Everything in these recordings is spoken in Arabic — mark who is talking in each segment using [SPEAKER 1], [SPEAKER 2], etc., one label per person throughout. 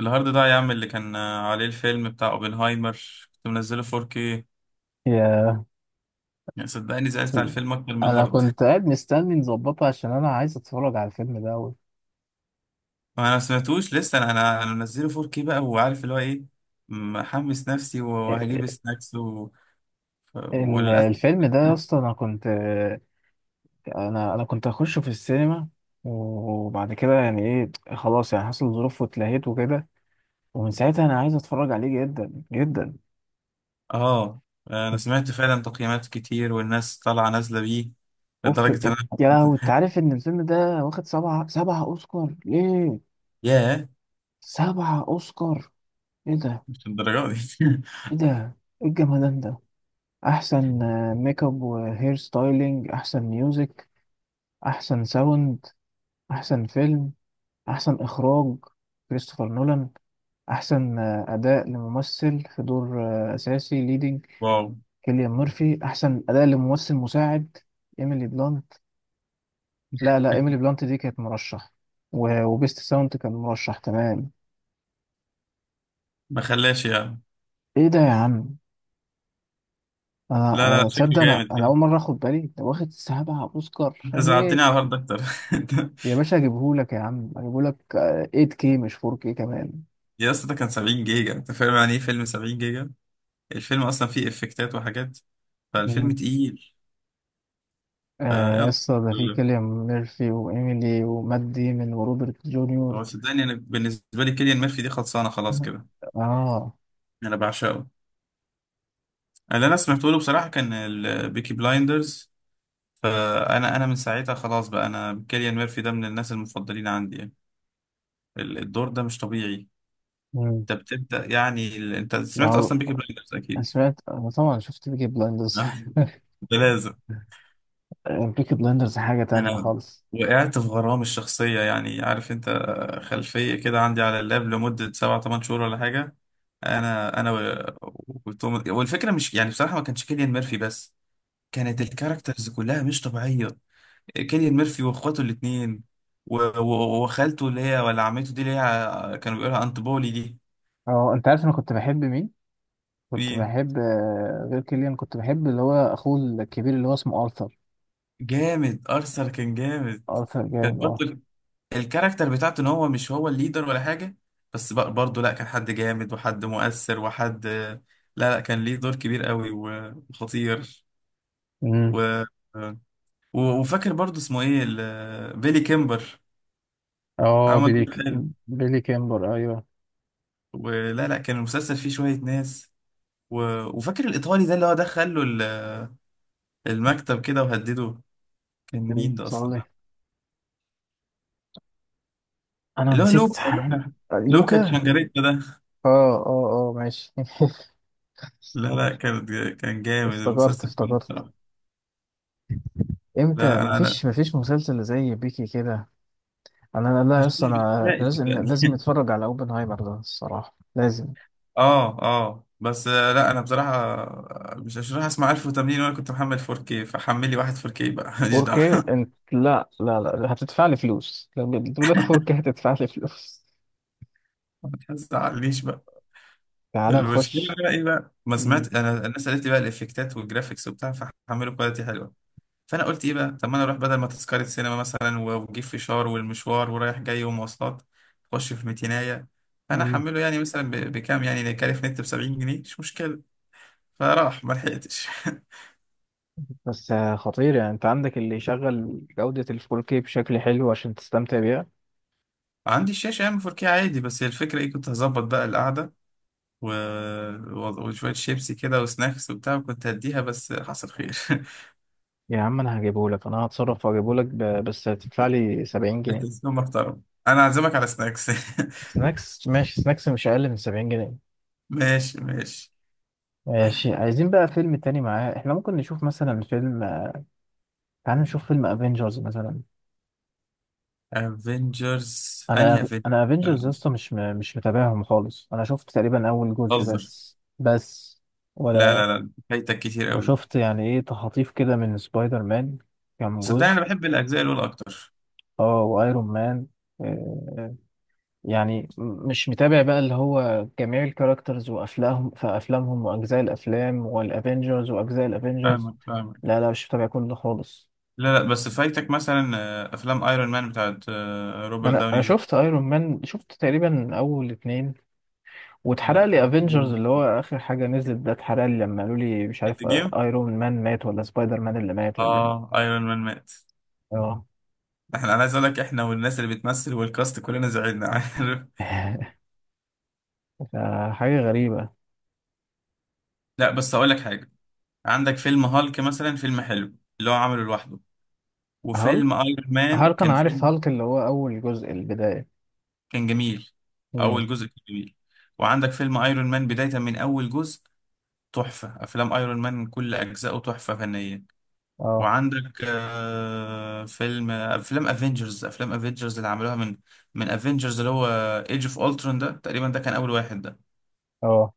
[SPEAKER 1] الهارد ده يا عم اللي كان عليه الفيلم بتاع اوبنهايمر. كنت منزله 4K.
[SPEAKER 2] يا.
[SPEAKER 1] يعني صدقني زعلت على الفيلم اكتر من
[SPEAKER 2] انا
[SPEAKER 1] الهارد.
[SPEAKER 2] كنت قاعد مستني نظبطها عشان انا عايز اتفرج على الفيلم ده أوي.
[SPEAKER 1] ما انا سمعتوش لسه. انا انا أنا منزله 4K بقى وعارف اللي هو ايه. محمس نفسي وهجيب سناكس و... وللاسف.
[SPEAKER 2] الفيلم ده يا اسطى انا كنت. انا كنت اخشه في السينما. وبعد كده يعني ايه، خلاص، يعني حصل ظروف واتلهيت وكده. ومن ساعتها انا عايز اتفرج عليه جدا جدا.
[SPEAKER 1] اه انا سمعت فعلا تقييمات كتير والناس طالعه نازله بيه،
[SPEAKER 2] اوف.
[SPEAKER 1] لدرجه ان انا
[SPEAKER 2] يا
[SPEAKER 1] حسيت.
[SPEAKER 2] لهوي، انت عارف ان الفيلم ده واخد سبعة اوسكار ليه؟
[SPEAKER 1] ياه،
[SPEAKER 2] سبعة اوسكار. ايه ده؟
[SPEAKER 1] مش الدرجه دي.
[SPEAKER 2] ايه ده؟ ايه الجمدان ده؟ احسن ميك اب وهير ستايلينج. احسن ميوزك. احسن ساوند. احسن فيلم. احسن اخراج، كريستوفر نولان. احسن اداء لممثل في دور اساسي، ليدنج.
[SPEAKER 1] واو،
[SPEAKER 2] كيليان ميرفي. احسن اداء لممثل مساعد، ايميلي بلانت. لا لا، ايميلي بلانت دي كانت مرشح. وبيست ساوند كان مرشح. تمام.
[SPEAKER 1] ما خلاش يعني.
[SPEAKER 2] ايه ده يا عم؟ انا،
[SPEAKER 1] لا لا، شكله
[SPEAKER 2] تصدق، انا
[SPEAKER 1] جامد
[SPEAKER 2] انا
[SPEAKER 1] يعني.
[SPEAKER 2] اول مره اخد بالي ده واخد سبعة اوسكار
[SPEAKER 1] انت زعلتني على
[SPEAKER 2] ليه.
[SPEAKER 1] الهارد اكتر.
[SPEAKER 2] يا باشا هجيبهولك، يا عم هجيبهولك 8K مش 4K كمان.
[SPEAKER 1] يا اسطى، ده كان 70 جيجا. انت فاهم يعني ايه فيلم 70 جيجا؟ الفيلم اصلا فيه افكتات وحاجات، فالفيلم
[SPEAKER 2] مم.
[SPEAKER 1] تقيل.
[SPEAKER 2] آه، يا
[SPEAKER 1] فيلا.
[SPEAKER 2] اسطى ده في كيليان ميرفي وإيميلي ومات ديمون وروبرت جونيور.
[SPEAKER 1] هو صدقني، انا بالنسبه لي كيليان ميرفي دي خلصانه خلاص
[SPEAKER 2] مم.
[SPEAKER 1] كده.
[SPEAKER 2] اه.
[SPEAKER 1] انا بعشقه. اللي انا سمعته له بصراحه كان البيكي بلايندرز. فانا من ساعتها خلاص بقى، انا كيليان ميرفي ده من الناس المفضلين عندي يعني. الدور ده مش طبيعي.
[SPEAKER 2] مم.
[SPEAKER 1] انت بتبدا يعني انت
[SPEAKER 2] ما
[SPEAKER 1] سمعت
[SPEAKER 2] هو،
[SPEAKER 1] اصلا بيكي بلايندرز اكيد.
[SPEAKER 2] أنا طبعا شفت بيكي بلايندرز.
[SPEAKER 1] ده لازم.
[SPEAKER 2] بيكي بلايندرز حاجة تانية
[SPEAKER 1] انا
[SPEAKER 2] خالص.
[SPEAKER 1] وقعت في غرامي الشخصية، يعني عارف انت، خلفية كده عندي على اللاب لمدة سبعة تمن شهور ولا حاجة. انا و- وتوم. والفكرة مش يعني بصراحة ما كانش كيليان ميرفي بس، كانت الكاركترز كلها مش طبيعية. كيليان ميرفي واخواته الاتنين و- و- وخالته، اللي هي ولا عمته دي، اللي هي كانوا بيقولها انت بولي دي.
[SPEAKER 2] اه، انت عارف انا كنت بحب مين؟ كنت
[SPEAKER 1] مين؟
[SPEAKER 2] بحب غير كيليان، كنت بحب اللي هو اخوه الكبير اللي هو اسمه ارثر.
[SPEAKER 1] جامد، ارثر كان جامد.
[SPEAKER 2] ارثر جامد،
[SPEAKER 1] كانت
[SPEAKER 2] اه.
[SPEAKER 1] برضه الكاركتر بتاعته ان هو مش هو الليدر ولا حاجه، بس برضه لا، كان حد جامد وحد مؤثر وحد، لا لا، كان ليه دور كبير قوي و- وخطير.
[SPEAKER 2] مم.
[SPEAKER 1] و... و... وفاكر برضه اسمه ايه، بيلي كيمبر.
[SPEAKER 2] اه،
[SPEAKER 1] عمل دور حلو.
[SPEAKER 2] بيلي كامبر، ايوه.
[SPEAKER 1] ولا لا، كان المسلسل فيه شويه ناس. و... وفاكر الايطالي ده اللي هو دخل له المكتب كده وهدده. كان مين ده اصلا؟
[SPEAKER 2] صالح. انا
[SPEAKER 1] اللي هو
[SPEAKER 2] نسيت.
[SPEAKER 1] لوكا. لوكا
[SPEAKER 2] لوكا.
[SPEAKER 1] تشانجاريتا ده.
[SPEAKER 2] اه اه اه، ماشي.
[SPEAKER 1] لا لا، كان جامد
[SPEAKER 2] افتكرت
[SPEAKER 1] المسلسل كله
[SPEAKER 2] افتكرت.
[SPEAKER 1] بصراحه. لا
[SPEAKER 2] امتى؟
[SPEAKER 1] لا، انا
[SPEAKER 2] مفيش مسلسل زي بيكي كده. انا، لا لا، يا
[SPEAKER 1] مش
[SPEAKER 2] اسطى،
[SPEAKER 1] مش
[SPEAKER 2] احنا
[SPEAKER 1] يائس
[SPEAKER 2] لازم
[SPEAKER 1] يعني.
[SPEAKER 2] لازم نتفرج على اوبنهايمر ده الصراحه، لازم.
[SPEAKER 1] اه اه، بس لا، انا بصراحه مش راح اسمع 1080 وانا كنت محمل 4K، فحملي واحد 4K بقى. ماليش دعوه.
[SPEAKER 2] 4K. انت لا لا لا، هتدفع لي فلوس، لو بيقول لك 4K هتدفع لي فلوس.
[SPEAKER 1] ما تزعلنيش بقى.
[SPEAKER 2] تعال
[SPEAKER 1] المشكله
[SPEAKER 2] نخش.
[SPEAKER 1] بقى ايه بقى، ما
[SPEAKER 2] مم.
[SPEAKER 1] سمعت انا الناس قالت لي بقى الافكتات والجرافيكس وبتاع، فحملوا كواليتي حلوه. فانا قلت ايه بقى، طب ما انا اروح بدل ما تذكره سينما مثلا و- واجيب فشار والمشوار ورايح جاي ومواصلات، اخش في ميتينايه. فانا
[SPEAKER 2] مم.
[SPEAKER 1] احمله يعني مثلا بكام؟ يعني كارف نت ب 70 جنيه، مش مشكله. فراح ما لحقتش.
[SPEAKER 2] بس خطير يعني، انت عندك اللي يشغل جودة ال 4K بشكل حلو عشان تستمتع بيها.
[SPEAKER 1] عندي الشاشة ام 4K عادي، بس هي الفكرة ايه، كنت هظبط بقى القعدة و... و- وشوية شيبسي كده وسناكس وبتاع، وكنت هديها، بس حصل خير.
[SPEAKER 2] يا عم انا هجيبهولك، انا هتصرف واجيبهولك، بس هتدفع لي 70 جنيه.
[SPEAKER 1] التلفزيون محترم، انا هعزمك على سناكس.
[SPEAKER 2] سناكس، ماشي، سناكس مش اقل من 70 جنيه.
[SPEAKER 1] ماشي ماشي.
[SPEAKER 2] ماشي. عايزين بقى فيلم تاني معاه، احنا ممكن نشوف مثلا فيلم. تعال نشوف فيلم افنجرز مثلا.
[SPEAKER 1] افنجرز انهي
[SPEAKER 2] انا
[SPEAKER 1] افنجرز؟
[SPEAKER 2] انا
[SPEAKER 1] انا
[SPEAKER 2] افنجرز يا اسطى مش مش متابعهم خالص. انا شفت تقريبا اول جزء
[SPEAKER 1] بهزر.
[SPEAKER 2] بس بس.
[SPEAKER 1] لا
[SPEAKER 2] ولا.
[SPEAKER 1] لا لا، فايتك كتير قوي.
[SPEAKER 2] وشفت يعني ايه تخاطيف كده من سبايدر مان. كام
[SPEAKER 1] صدقني
[SPEAKER 2] جزء؟
[SPEAKER 1] انا بحب الاجزاء الاولى اكتر.
[SPEAKER 2] اه، وايرون مان. آه، يعني مش متابع بقى اللي هو جميع الكاركترز وافلامهم في افلامهم واجزاء الافلام والافينجرز واجزاء الافينجرز.
[SPEAKER 1] فاهمك فاهمك.
[SPEAKER 2] لا لا، مش متابع كل ده خالص.
[SPEAKER 1] لا لا، بس فايتك مثلا افلام ايرون مان بتاعت
[SPEAKER 2] ما
[SPEAKER 1] روبرت
[SPEAKER 2] انا
[SPEAKER 1] داوني
[SPEAKER 2] انا شفت
[SPEAKER 1] جونيور.
[SPEAKER 2] ايرون مان، شفت تقريبا اول اتنين.
[SPEAKER 1] لا
[SPEAKER 2] واتحرق لي افينجرز
[SPEAKER 1] لا،
[SPEAKER 2] اللي هو اخر حاجه نزلت ده، اتحرق لي لما قالوا لي مش
[SPEAKER 1] اند
[SPEAKER 2] عارف،
[SPEAKER 1] جيم.
[SPEAKER 2] ايرون مان مات ولا سبايدر مان اللي مات ولا ايه.
[SPEAKER 1] اه، ايرون مان مات.
[SPEAKER 2] اه.
[SPEAKER 1] انا عايز اقول لك، احنا والناس اللي بتمثل والكاست كلنا زعلنا. عارف؟
[SPEAKER 2] ده حاجه غريبه.
[SPEAKER 1] لا بس اقول لك حاجه. عندك فيلم هالك مثلا، فيلم حلو اللي هو عمله لوحده.
[SPEAKER 2] هالك.
[SPEAKER 1] وفيلم ايرون مان
[SPEAKER 2] هالك، انا
[SPEAKER 1] كان
[SPEAKER 2] عارف
[SPEAKER 1] فيلم.
[SPEAKER 2] هالك اللي هو اول جزء البدايه.
[SPEAKER 1] كان جميل.
[SPEAKER 2] امم.
[SPEAKER 1] اول جزء كان جميل. وعندك فيلم ايرون مان بدايه من اول جزء، تحفه. افلام ايرون مان كل اجزائه تحفه فنيه.
[SPEAKER 2] اه.
[SPEAKER 1] وعندك فيلم. افلام افنجرز اللي عملوها من، من افنجرز اللي هو ايج اوف الترون، ده تقريبا ده كان اول واحد.
[SPEAKER 2] اه.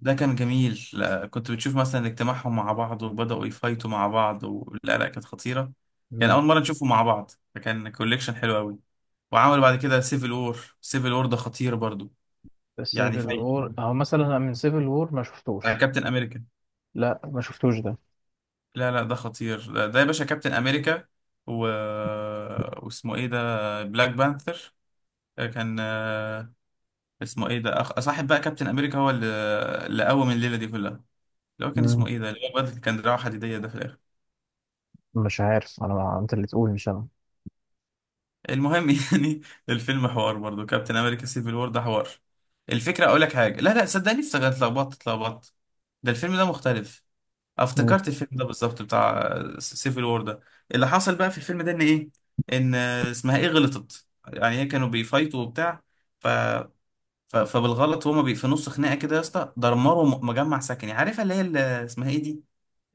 [SPEAKER 1] ده كان جميل. لا كنت بتشوف مثلا اجتماعهم مع بعض وبدأوا يفايتوا مع بعض لا لا، كانت خطيرة يعني، أول مرة نشوفهم مع بعض، فكان كوليكشن حلو أوي. وعملوا بعد كده سيفل وور. سيفل وور ده خطير برضو، يعني
[SPEAKER 2] سيفل
[SPEAKER 1] فايت
[SPEAKER 2] وور، او مثلا أنا من سيفل وور ما
[SPEAKER 1] بتاع
[SPEAKER 2] شفتوش.
[SPEAKER 1] كابتن أمريكا.
[SPEAKER 2] لا، ما شفتوش ده.
[SPEAKER 1] لا لا، ده خطير ده, يا باشا كابتن أمريكا و... واسمه إيه ده، بلاك بانثر. كان آه، اسمه إيه ده صاحب بقى كابتن أمريكا هو اللي، اللي قوم الليلة دي كلها، اللي هو كان اسمه
[SPEAKER 2] مم.
[SPEAKER 1] إيه ده، اللي هو الواد اللي كان دراعه حديدية ده في الآخر.
[SPEAKER 2] مش عارف، انا، ما انت اللي تقول مش انا.
[SPEAKER 1] المهم يعني الفيلم حوار برضه، كابتن امريكا سيفل وور ده حوار. الفكره اقول لك حاجه، لا لا صدقني، افتكرت اتلخبطت اتلخبطت. ده الفيلم ده مختلف.
[SPEAKER 2] مم.
[SPEAKER 1] افتكرت الفيلم ده بالظبط بتاع سيفل وور ده. اللي حصل بقى في الفيلم ده ان ايه، ان اسمها ايه، غلطت يعني هي، كانوا بيفايتوا وبتاع، ف... ف... فبالغلط هما في نص خناقه كده يا اسطى دمروا مجمع سكني. عارفه اللي هي اللي اسمها ايه دي،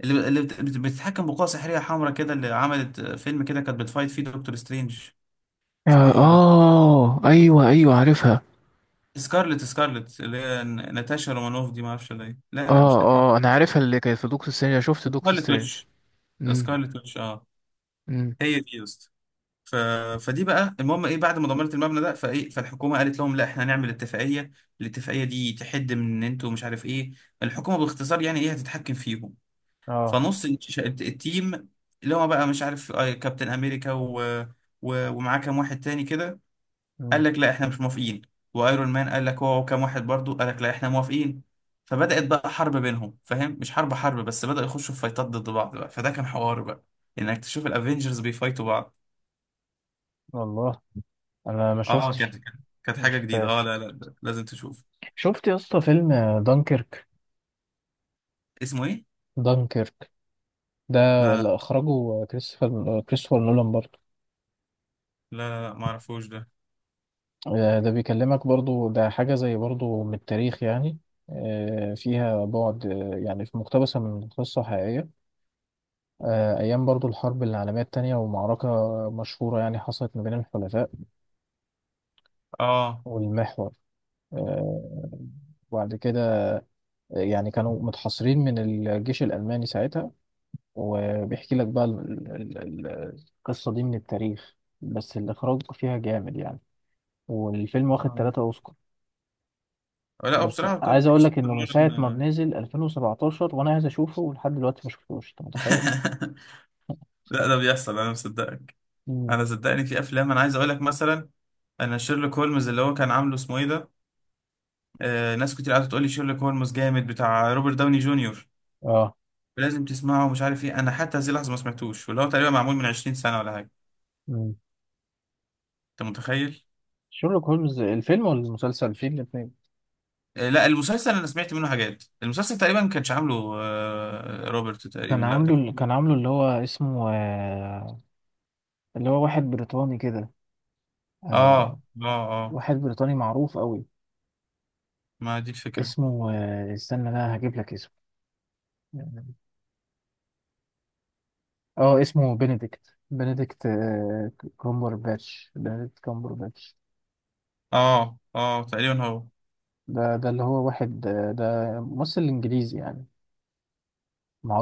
[SPEAKER 1] اللي بت... بت- بتتحكم بقوه سحريه حمراء كده، اللي عملت فيلم كده، كانت بتفايت فيه دكتور سترينج. اسمها
[SPEAKER 2] اه،
[SPEAKER 1] ايه يا،
[SPEAKER 2] ايوه ايوه، عارفها.
[SPEAKER 1] سكارلت اللي هي ناتاشا رومانوف دي، ما اعرفش ولا ايه. لا لا
[SPEAKER 2] اه
[SPEAKER 1] مش ناتاشا،
[SPEAKER 2] اه، انا عارفها اللي كانت في دكتور سترينج. أنا شفت دكتور
[SPEAKER 1] سكارلت
[SPEAKER 2] سترينج.
[SPEAKER 1] ويتش
[SPEAKER 2] امم.
[SPEAKER 1] سكارلت ويتش اه،
[SPEAKER 2] امم.
[SPEAKER 1] هي دي يا اسطى. ف... فدي بقى المهم ايه، بعد ما دمرت المبنى ده فايه، فالحكومه قالت لهم لا احنا هنعمل اتفاقيه. الاتفاقيه دي تحد من ان انتوا مش عارف ايه، الحكومه باختصار يعني ايه هتتحكم فيهم.
[SPEAKER 2] اه.
[SPEAKER 1] فنص التيم اللي هو بقى مش عارف، كابتن امريكا و... و... ومعاه كام واحد تاني كده، قال
[SPEAKER 2] مم.
[SPEAKER 1] لك لا احنا مش موافقين. وايرون مان قال لك هو وكام واحد برضو قال لك لا احنا موافقين. فبدأت بقى حرب بينهم، فاهم؟ مش حرب حرب، بس بدأوا يخشوا في فايتات ضد بعض بقى. فده كان حوار بقى، انك تشوف الافينجرز بيفايتوا بعض.
[SPEAKER 2] والله انا ما
[SPEAKER 1] اه كانت
[SPEAKER 2] شفتش.
[SPEAKER 1] كانت كانت
[SPEAKER 2] ما
[SPEAKER 1] حاجة جديدة. اه
[SPEAKER 2] شفتهاش.
[SPEAKER 1] لا لا لا، لازم تشوف.
[SPEAKER 2] شفت يا اسطى فيلم؟ دانكيرك.
[SPEAKER 1] اسمه ايه؟
[SPEAKER 2] دانكيرك ده
[SPEAKER 1] لا
[SPEAKER 2] اللي اخرجه كريستوفر نولان برضه.
[SPEAKER 1] لا لا لا، لا ما اعرفوش ده.
[SPEAKER 2] ده بيكلمك برضو، ده حاجة زي برضو من التاريخ يعني. فيها بعد يعني في، مقتبسة من قصة حقيقية. أيام برضو الحرب العالمية التانية، ومعركة مشهورة يعني حصلت ما بين الحلفاء
[SPEAKER 1] اه
[SPEAKER 2] والمحور. آه، وبعد كده يعني كانوا متحصرين من الجيش الألماني ساعتها. وبيحكي لك بقى القصة دي من التاريخ، بس الإخراج فيها جامد يعني. والفيلم واخد
[SPEAKER 1] آه.
[SPEAKER 2] ثلاثة أوسكار.
[SPEAKER 1] لا، هو
[SPEAKER 2] بس
[SPEAKER 1] بصراحة كان
[SPEAKER 2] عايز اقول لك
[SPEAKER 1] كريستوفر
[SPEAKER 2] انه من ساعه ما
[SPEAKER 1] نولان.
[SPEAKER 2] نزل 2017 وانا عايز اشوفه، ولحد دلوقتي ما شفتوش، انت متخيل.
[SPEAKER 1] لا، ده بيحصل، انا مصدقك.
[SPEAKER 2] مم.
[SPEAKER 1] انا صدقني في افلام انا عايز اقول لك مثلا، انا شيرلوك هولمز، اللي هو كان عامله اسمه ايه ده، ناس كتير قاعده تقول لي شيرلوك هولمز جامد بتاع روبرت داوني جونيور،
[SPEAKER 2] اه.
[SPEAKER 1] لازم تسمعه ومش عارف ايه. انا حتى هذه اللحظه ما سمعتوش، واللي هو تقريبا معمول من 20 سنه ولا حاجه.
[SPEAKER 2] مم.
[SPEAKER 1] انت متخيل؟
[SPEAKER 2] شيرلوك هولمز الفيلم ولا المسلسل؟ الفيلم الاثنين.
[SPEAKER 1] لا المسلسل انا سمعت منه حاجات، المسلسل تقريبا ما كانش عامله روبرت تقريبا، لا ده كان.
[SPEAKER 2] كان عامله اللي هو اسمه اللي هو واحد بريطاني كده. آه،
[SPEAKER 1] اه اه اه،
[SPEAKER 2] واحد بريطاني معروف قوي.
[SPEAKER 1] ما دي الفكره.
[SPEAKER 2] اسمه استنى، لا هجيب لك اسمه. اه، اسمه بنديكت، بنديكت كامبر باتش. بنديكت كامبر باتش.
[SPEAKER 1] اه اه تقريبا هو.
[SPEAKER 2] ده اللي هو واحد، ده ممثل انجليزي يعني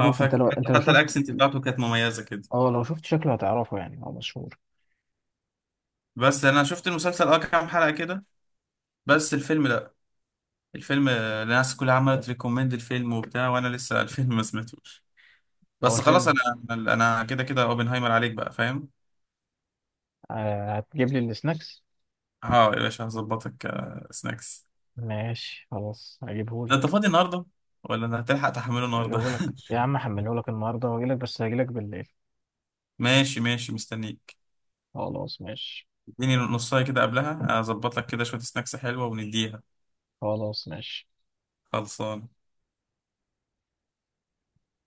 [SPEAKER 1] اه،
[SPEAKER 2] انت لو
[SPEAKER 1] فاكر، حتى
[SPEAKER 2] انت لو
[SPEAKER 1] حتى
[SPEAKER 2] شفت.
[SPEAKER 1] الاكسنت بتاعته كانت مميزه كده.
[SPEAKER 2] اه، لو شفت شكله هتعرفه، يعني هو مشهور.
[SPEAKER 1] بس انا شفت المسلسل اه، كام حلقه كده، بس الفيلم لا. الفيلم الناس كلها عملت ريكومند الفيلم وبتاع، وانا لسه الفيلم ما سمعتوش.
[SPEAKER 2] هو
[SPEAKER 1] بس خلاص
[SPEAKER 2] الفيلم.
[SPEAKER 1] انا، انا كده كده اوبنهايمر عليك بقى فاهم.
[SPEAKER 2] آه، هتجيب لي السناكس.
[SPEAKER 1] اه يا باشا، هظبطك سناكس.
[SPEAKER 2] ماشي خلاص،
[SPEAKER 1] انت
[SPEAKER 2] هجيبهولك.
[SPEAKER 1] فاضي النهارده، ولا انت هتلحق تحمله النهارده؟
[SPEAKER 2] هجيبهولك يا عم، هحملهولك النهارده واجيلك، بس هجيلك بالليل.
[SPEAKER 1] ماشي ماشي، مستنيك.
[SPEAKER 2] خلاص ماشي.
[SPEAKER 1] اديني نصايه كده، قبلها اظبط لك كده شويه سناكس حلوه ونديها.
[SPEAKER 2] خلاص ماشي.
[SPEAKER 1] خلصان.